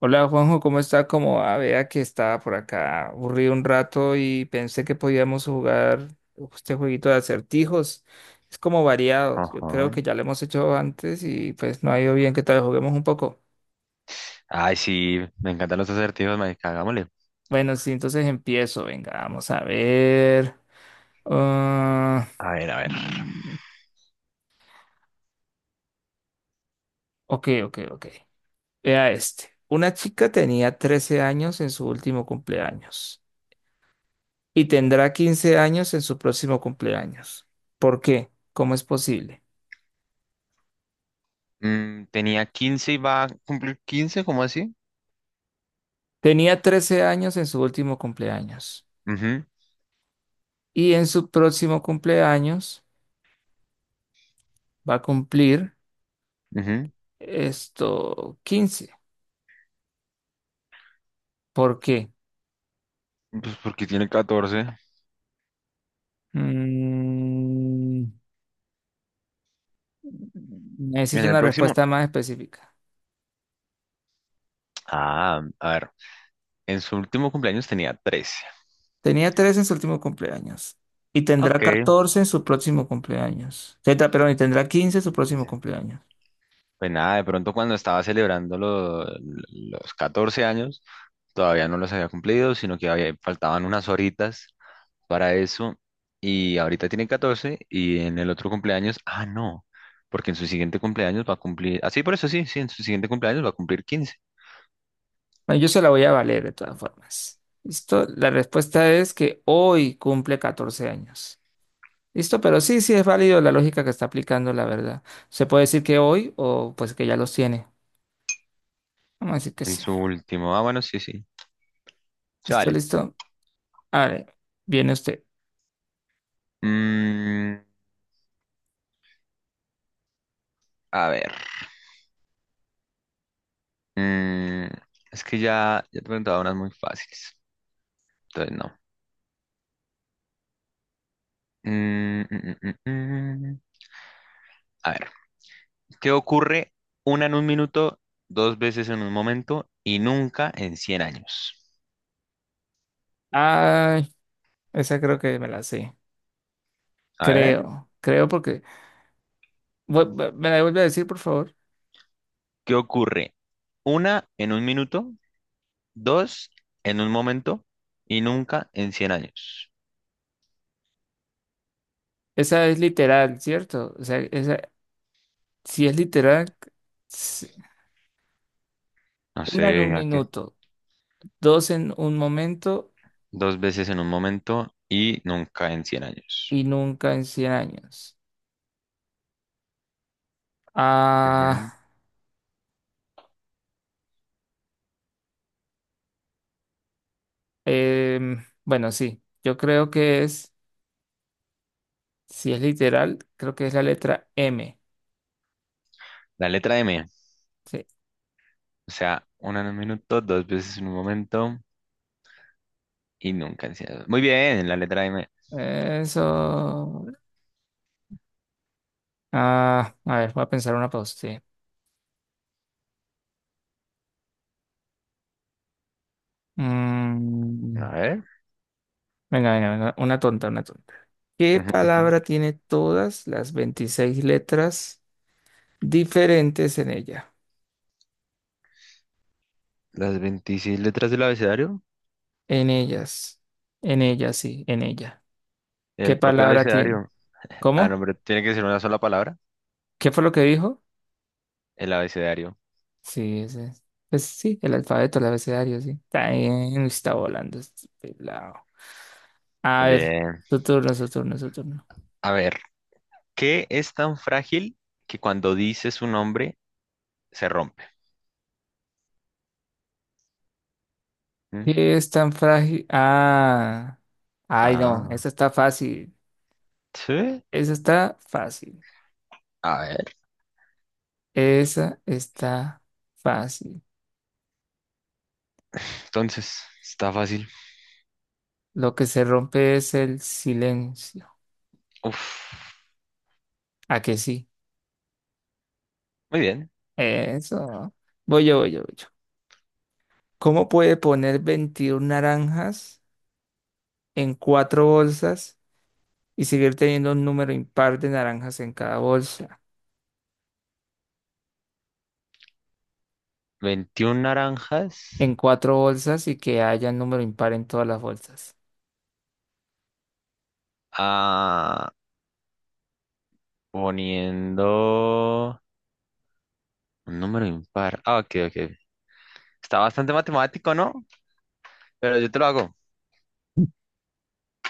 Hola Juanjo, ¿cómo está? Como vea que estaba por acá aburrido un rato y pensé que podíamos jugar este jueguito de acertijos. Es como variado. Yo creo Ajá. que ya lo hemos hecho antes y pues no ha ido bien. Que tal vez juguemos un poco? Ay, sí, me encantan los acertijos, marica, hagámosle. Bueno, sí, entonces empiezo. Venga, vamos a ver. Ah, A ver, a ver. mm, ok, ok, ok. Vea este. Una chica tenía 13 años en su último cumpleaños y tendrá 15 años en su próximo cumpleaños. ¿Por qué? ¿Cómo es posible? Tenía 15 y va a cumplir quince, ¿cómo así? Tenía 13 años en su último cumpleaños Ujú, y en su próximo cumpleaños va a cumplir ujú. esto 15. ¿Por qué? Pues porque tiene catorce. Mm, En Necesito el una próximo. respuesta más específica. Ah, a ver. En su último cumpleaños tenía trece. Tenía trece en su último cumpleaños y tendrá Ok. 14 en su próximo cumpleaños. Perdón, y tendrá 15 en su próximo Quince. cumpleaños. Pues nada, de pronto cuando estaba celebrando los 14 años, todavía no los había cumplido, sino que faltaban unas horitas para eso. Y ahorita tiene 14 y en el otro cumpleaños, ah, no, porque en su siguiente cumpleaños va a cumplir, así por eso, sí, sí, en su siguiente cumpleaños va a cumplir quince. Bueno, yo se la voy a valer de todas formas. ¿Listo? La respuesta es que hoy cumple 14 años. ¿Listo? Pero sí, sí es válido la lógica que está aplicando, la verdad. Se puede decir que hoy o pues que ya los tiene. Vamos a decir que En sí. su último, ah, bueno, sí, sí, se ¿Listo? vale. ¿Listo? A ver, viene usted. Mm, a ver, mm, es que ya te preguntaba unas muy fáciles, entonces no. Mm, mm, mm, mm, mm. A ver, ¿qué ocurre una en un minuto, dos veces en un momento y nunca en 100 años? Ay, esa creo que me la sé. A ver, Creo porque... ¿Me la vuelve a decir, por favor? ¿qué ocurre? Una en un minuto, dos en un momento y nunca en 100 años. Esa es literal, ¿cierto? O sea, esa, si es literal, s- No una en un sé, ¿a qué? minuto, dos en un momento Dos veces en un momento y nunca en 100 años. y nunca en 100 años. Ah, Ujú. Bueno, sí, yo creo que es, si es literal, creo que es la letra M. La letra M. Sí, O sea, una en un minuto, dos veces en un momento y nunca en cien años. Muy bien, la letra M. eso. Ah, a ver, voy a pensar una pausa. Sí. A Mm, ver. Venga, venga, venga, una tonta, una tonta. ¿Qué Ujú, ujú. palabra tiene todas las 26 letras diferentes en ella? Las 26 letras del abecedario. En ellas, en ella, sí, en ella. ¿Qué El propio palabra tiene? abecedario. Ah, no, ¿Cómo? pero tiene que ser una sola palabra. ¿Qué fue lo que dijo? El abecedario. Sí, ese es. Pues sí, el alfabeto, el abecedario, sí. También está volando este pelado. A ver, Bien. su turno, su turno, su turno. A ver, ¿qué es tan frágil que cuando dices su nombre se rompe? ¿Qué es tan frágil? Ah. Ay, no, Ah, esa está fácil. sí. Esa está fácil. A ver, Esa está fácil. entonces, está fácil. Lo que se rompe es el silencio. Uf, ¿A que sí? muy bien. Eso. Voy yo, voy yo, voy yo. ¿Cómo puede poner 21 naranjas en cuatro bolsas y seguir teniendo un número impar de naranjas en cada bolsa, 21 naranjas. en cuatro bolsas, y que haya un número impar en todas las bolsas? Ah, poniendo un número impar. Ah, ok, ok. Está bastante matemático, ¿no? Pero yo te lo hago.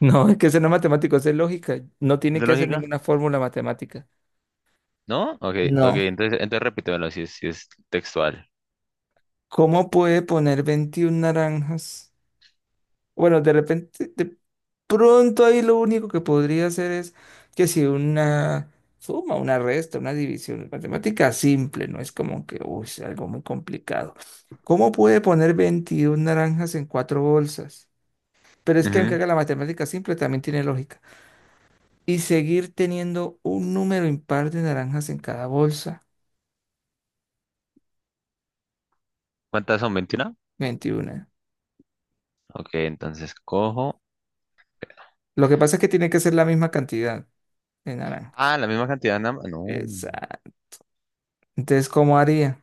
No, es que eso no es matemático, eso es lógica. No ¿Es tiene de que hacer lógica? ninguna fórmula matemática. ¿No? Ok, ok. No. Entonces, entonces repítemelo si es, si es textual. ¿Cómo puede poner 21 naranjas? Bueno, de repente, de pronto ahí lo único que podría hacer es que si una suma, una resta, una división, es matemática simple, no es como que, uy, es algo muy complicado. ¿Cómo puede poner 21 naranjas en cuatro bolsas? Pero es que aunque Ujú. haga la matemática simple, también tiene lógica. Y seguir teniendo un número impar de naranjas en cada bolsa, ¿Cuántas son? Veintiuna. 21. Ok, entonces cojo. Lo que pasa es que tiene que ser la misma cantidad de Ah, naranjas. la misma cantidad, nada más. No. Exacto. Entonces, ¿cómo haría?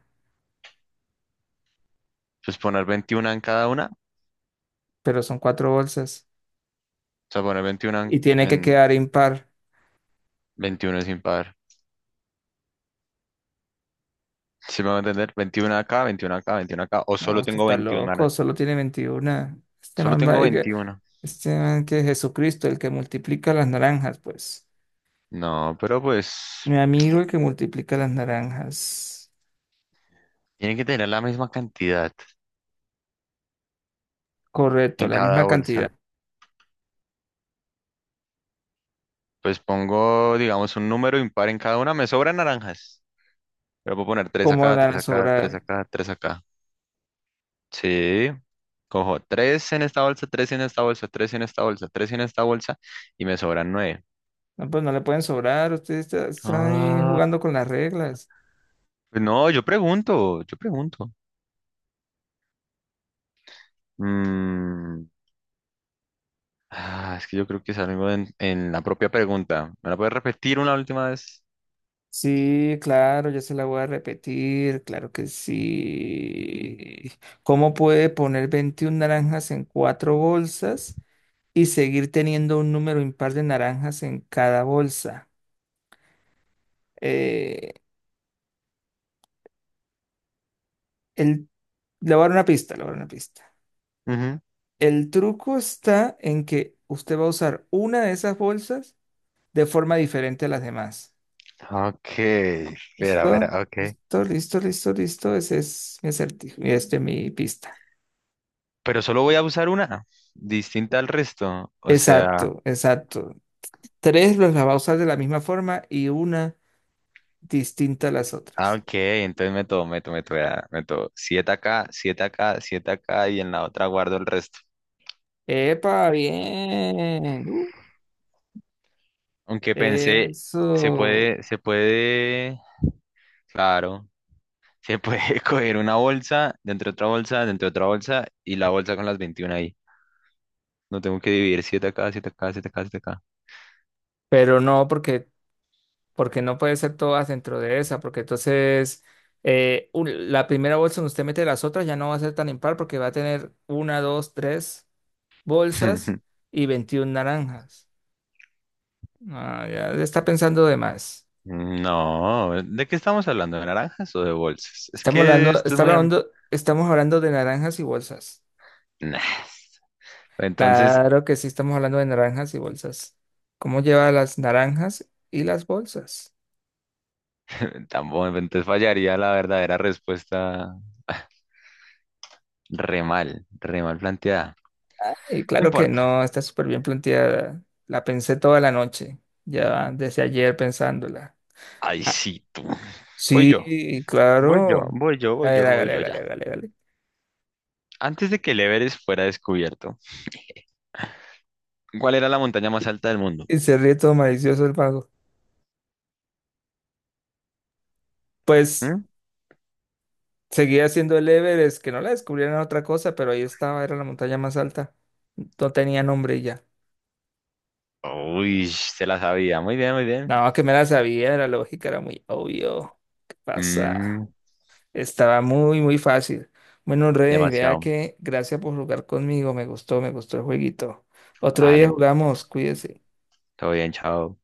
Pues poner veintiuna en cada una. O Pero son cuatro bolsas sea, poner 21 y tiene que en quedar impar. 21 es impar. Si me va a entender, 21 acá, 21 acá, 21 acá, o No, solo usted tengo está 21 loco, manas. solo tiene 21. Este Solo man va, tengo veintiuno. este man que es Jesucristo, el que multiplica las naranjas, pues. No, pero pues Mi amigo, el que multiplica las naranjas. tienen que tener la misma cantidad Correcto, en la cada misma cantidad. bolsa. Pues pongo, digamos, un número impar en cada una. Me sobran naranjas. Pero puedo poner tres ¿Cómo le acá, van 3 a acá, 3 sobrar? acá, 3 acá. Sí, cojo 3 en esta bolsa, 3 en esta bolsa, 3 en esta bolsa, 3 en esta bolsa y me sobran nueve. No, pues no le pueden sobrar, usted está ahí Ah. jugando con las reglas. Pues no, yo pregunto, yo pregunto. Mm, Ah, es que yo creo que es algo en la propia pregunta. ¿Me la puedes repetir una última vez? Sí, claro, ya se la voy a repetir, claro que sí. ¿Cómo puede poner 21 naranjas en cuatro bolsas y seguir teniendo un número impar de naranjas en cada bolsa? Eh, el, Le voy a dar una pista, le voy a dar una pista. Ujú. El truco está en que usted va a usar una de esas bolsas de forma diferente a las demás. Ok, espera, ¿Listo? espera, ok. Listo, listo, listo, listo. Ese es mi acertijo, y este es mi pista. Pero solo voy a usar una, distinta al resto. O sea, Exacto, exacto. Tres los las va a usar de la misma forma y una distinta a las ah, otras. ok, entonces meto, vea, meto 7 acá, 7 acá, 7 acá y en la otra guardo el resto. ¡Epa! Bien. Aunque pensé, se Eso. puede, se puede, claro, se puede coger una bolsa, dentro de otra bolsa, dentro de otra bolsa y la bolsa con las 21 ahí. No tengo que dividir siete acá, 7 acá, siete acá, 7 acá. Pero no, porque, porque no puede ser todas dentro de esa, porque entonces la primera bolsa donde usted mete las otras ya no va a ser tan impar porque va a tener una, dos, tres bolsas y 21 naranjas. Ah, ya le está pensando de más. No, ¿de qué estamos hablando? ¿De naranjas o de bolsas? Es que esto es muy... Estamos hablando de naranjas y bolsas. Nah. Entonces, Claro que sí, estamos hablando de naranjas y bolsas. ¿Cómo lleva las naranjas y las bolsas? tampoco, entonces fallaría la verdadera respuesta. Re mal planteada. Y No claro que importa. no, está súper bien planteada. La pensé toda la noche, ya desde ayer pensándola. Ay, Ah, sí, tú. Voy yo, sí, voy yo, claro. voy yo, A voy ver, yo, voy hágale, yo ya. hágale, hágale, hágale. Antes de que el Everest fuera descubierto, ¿cuál era la montaña más alta del mundo? Y se ríe todo malicioso el mago. Pues ¿Mm? seguía haciendo el Everest, que no la descubrieron otra cosa, pero ahí estaba, era la montaña más alta. No tenía nombre y ya. Uy, se la sabía. Muy bien, muy bien. No, que me la sabía, era lógica, era muy obvio. ¿Qué pasa? Mm, Estaba muy, muy fácil. Bueno, Rey, vea demasiado. que gracias por jugar conmigo. Me gustó el jueguito. Otro día Vale, jugamos, cuídese. todo bien, chao.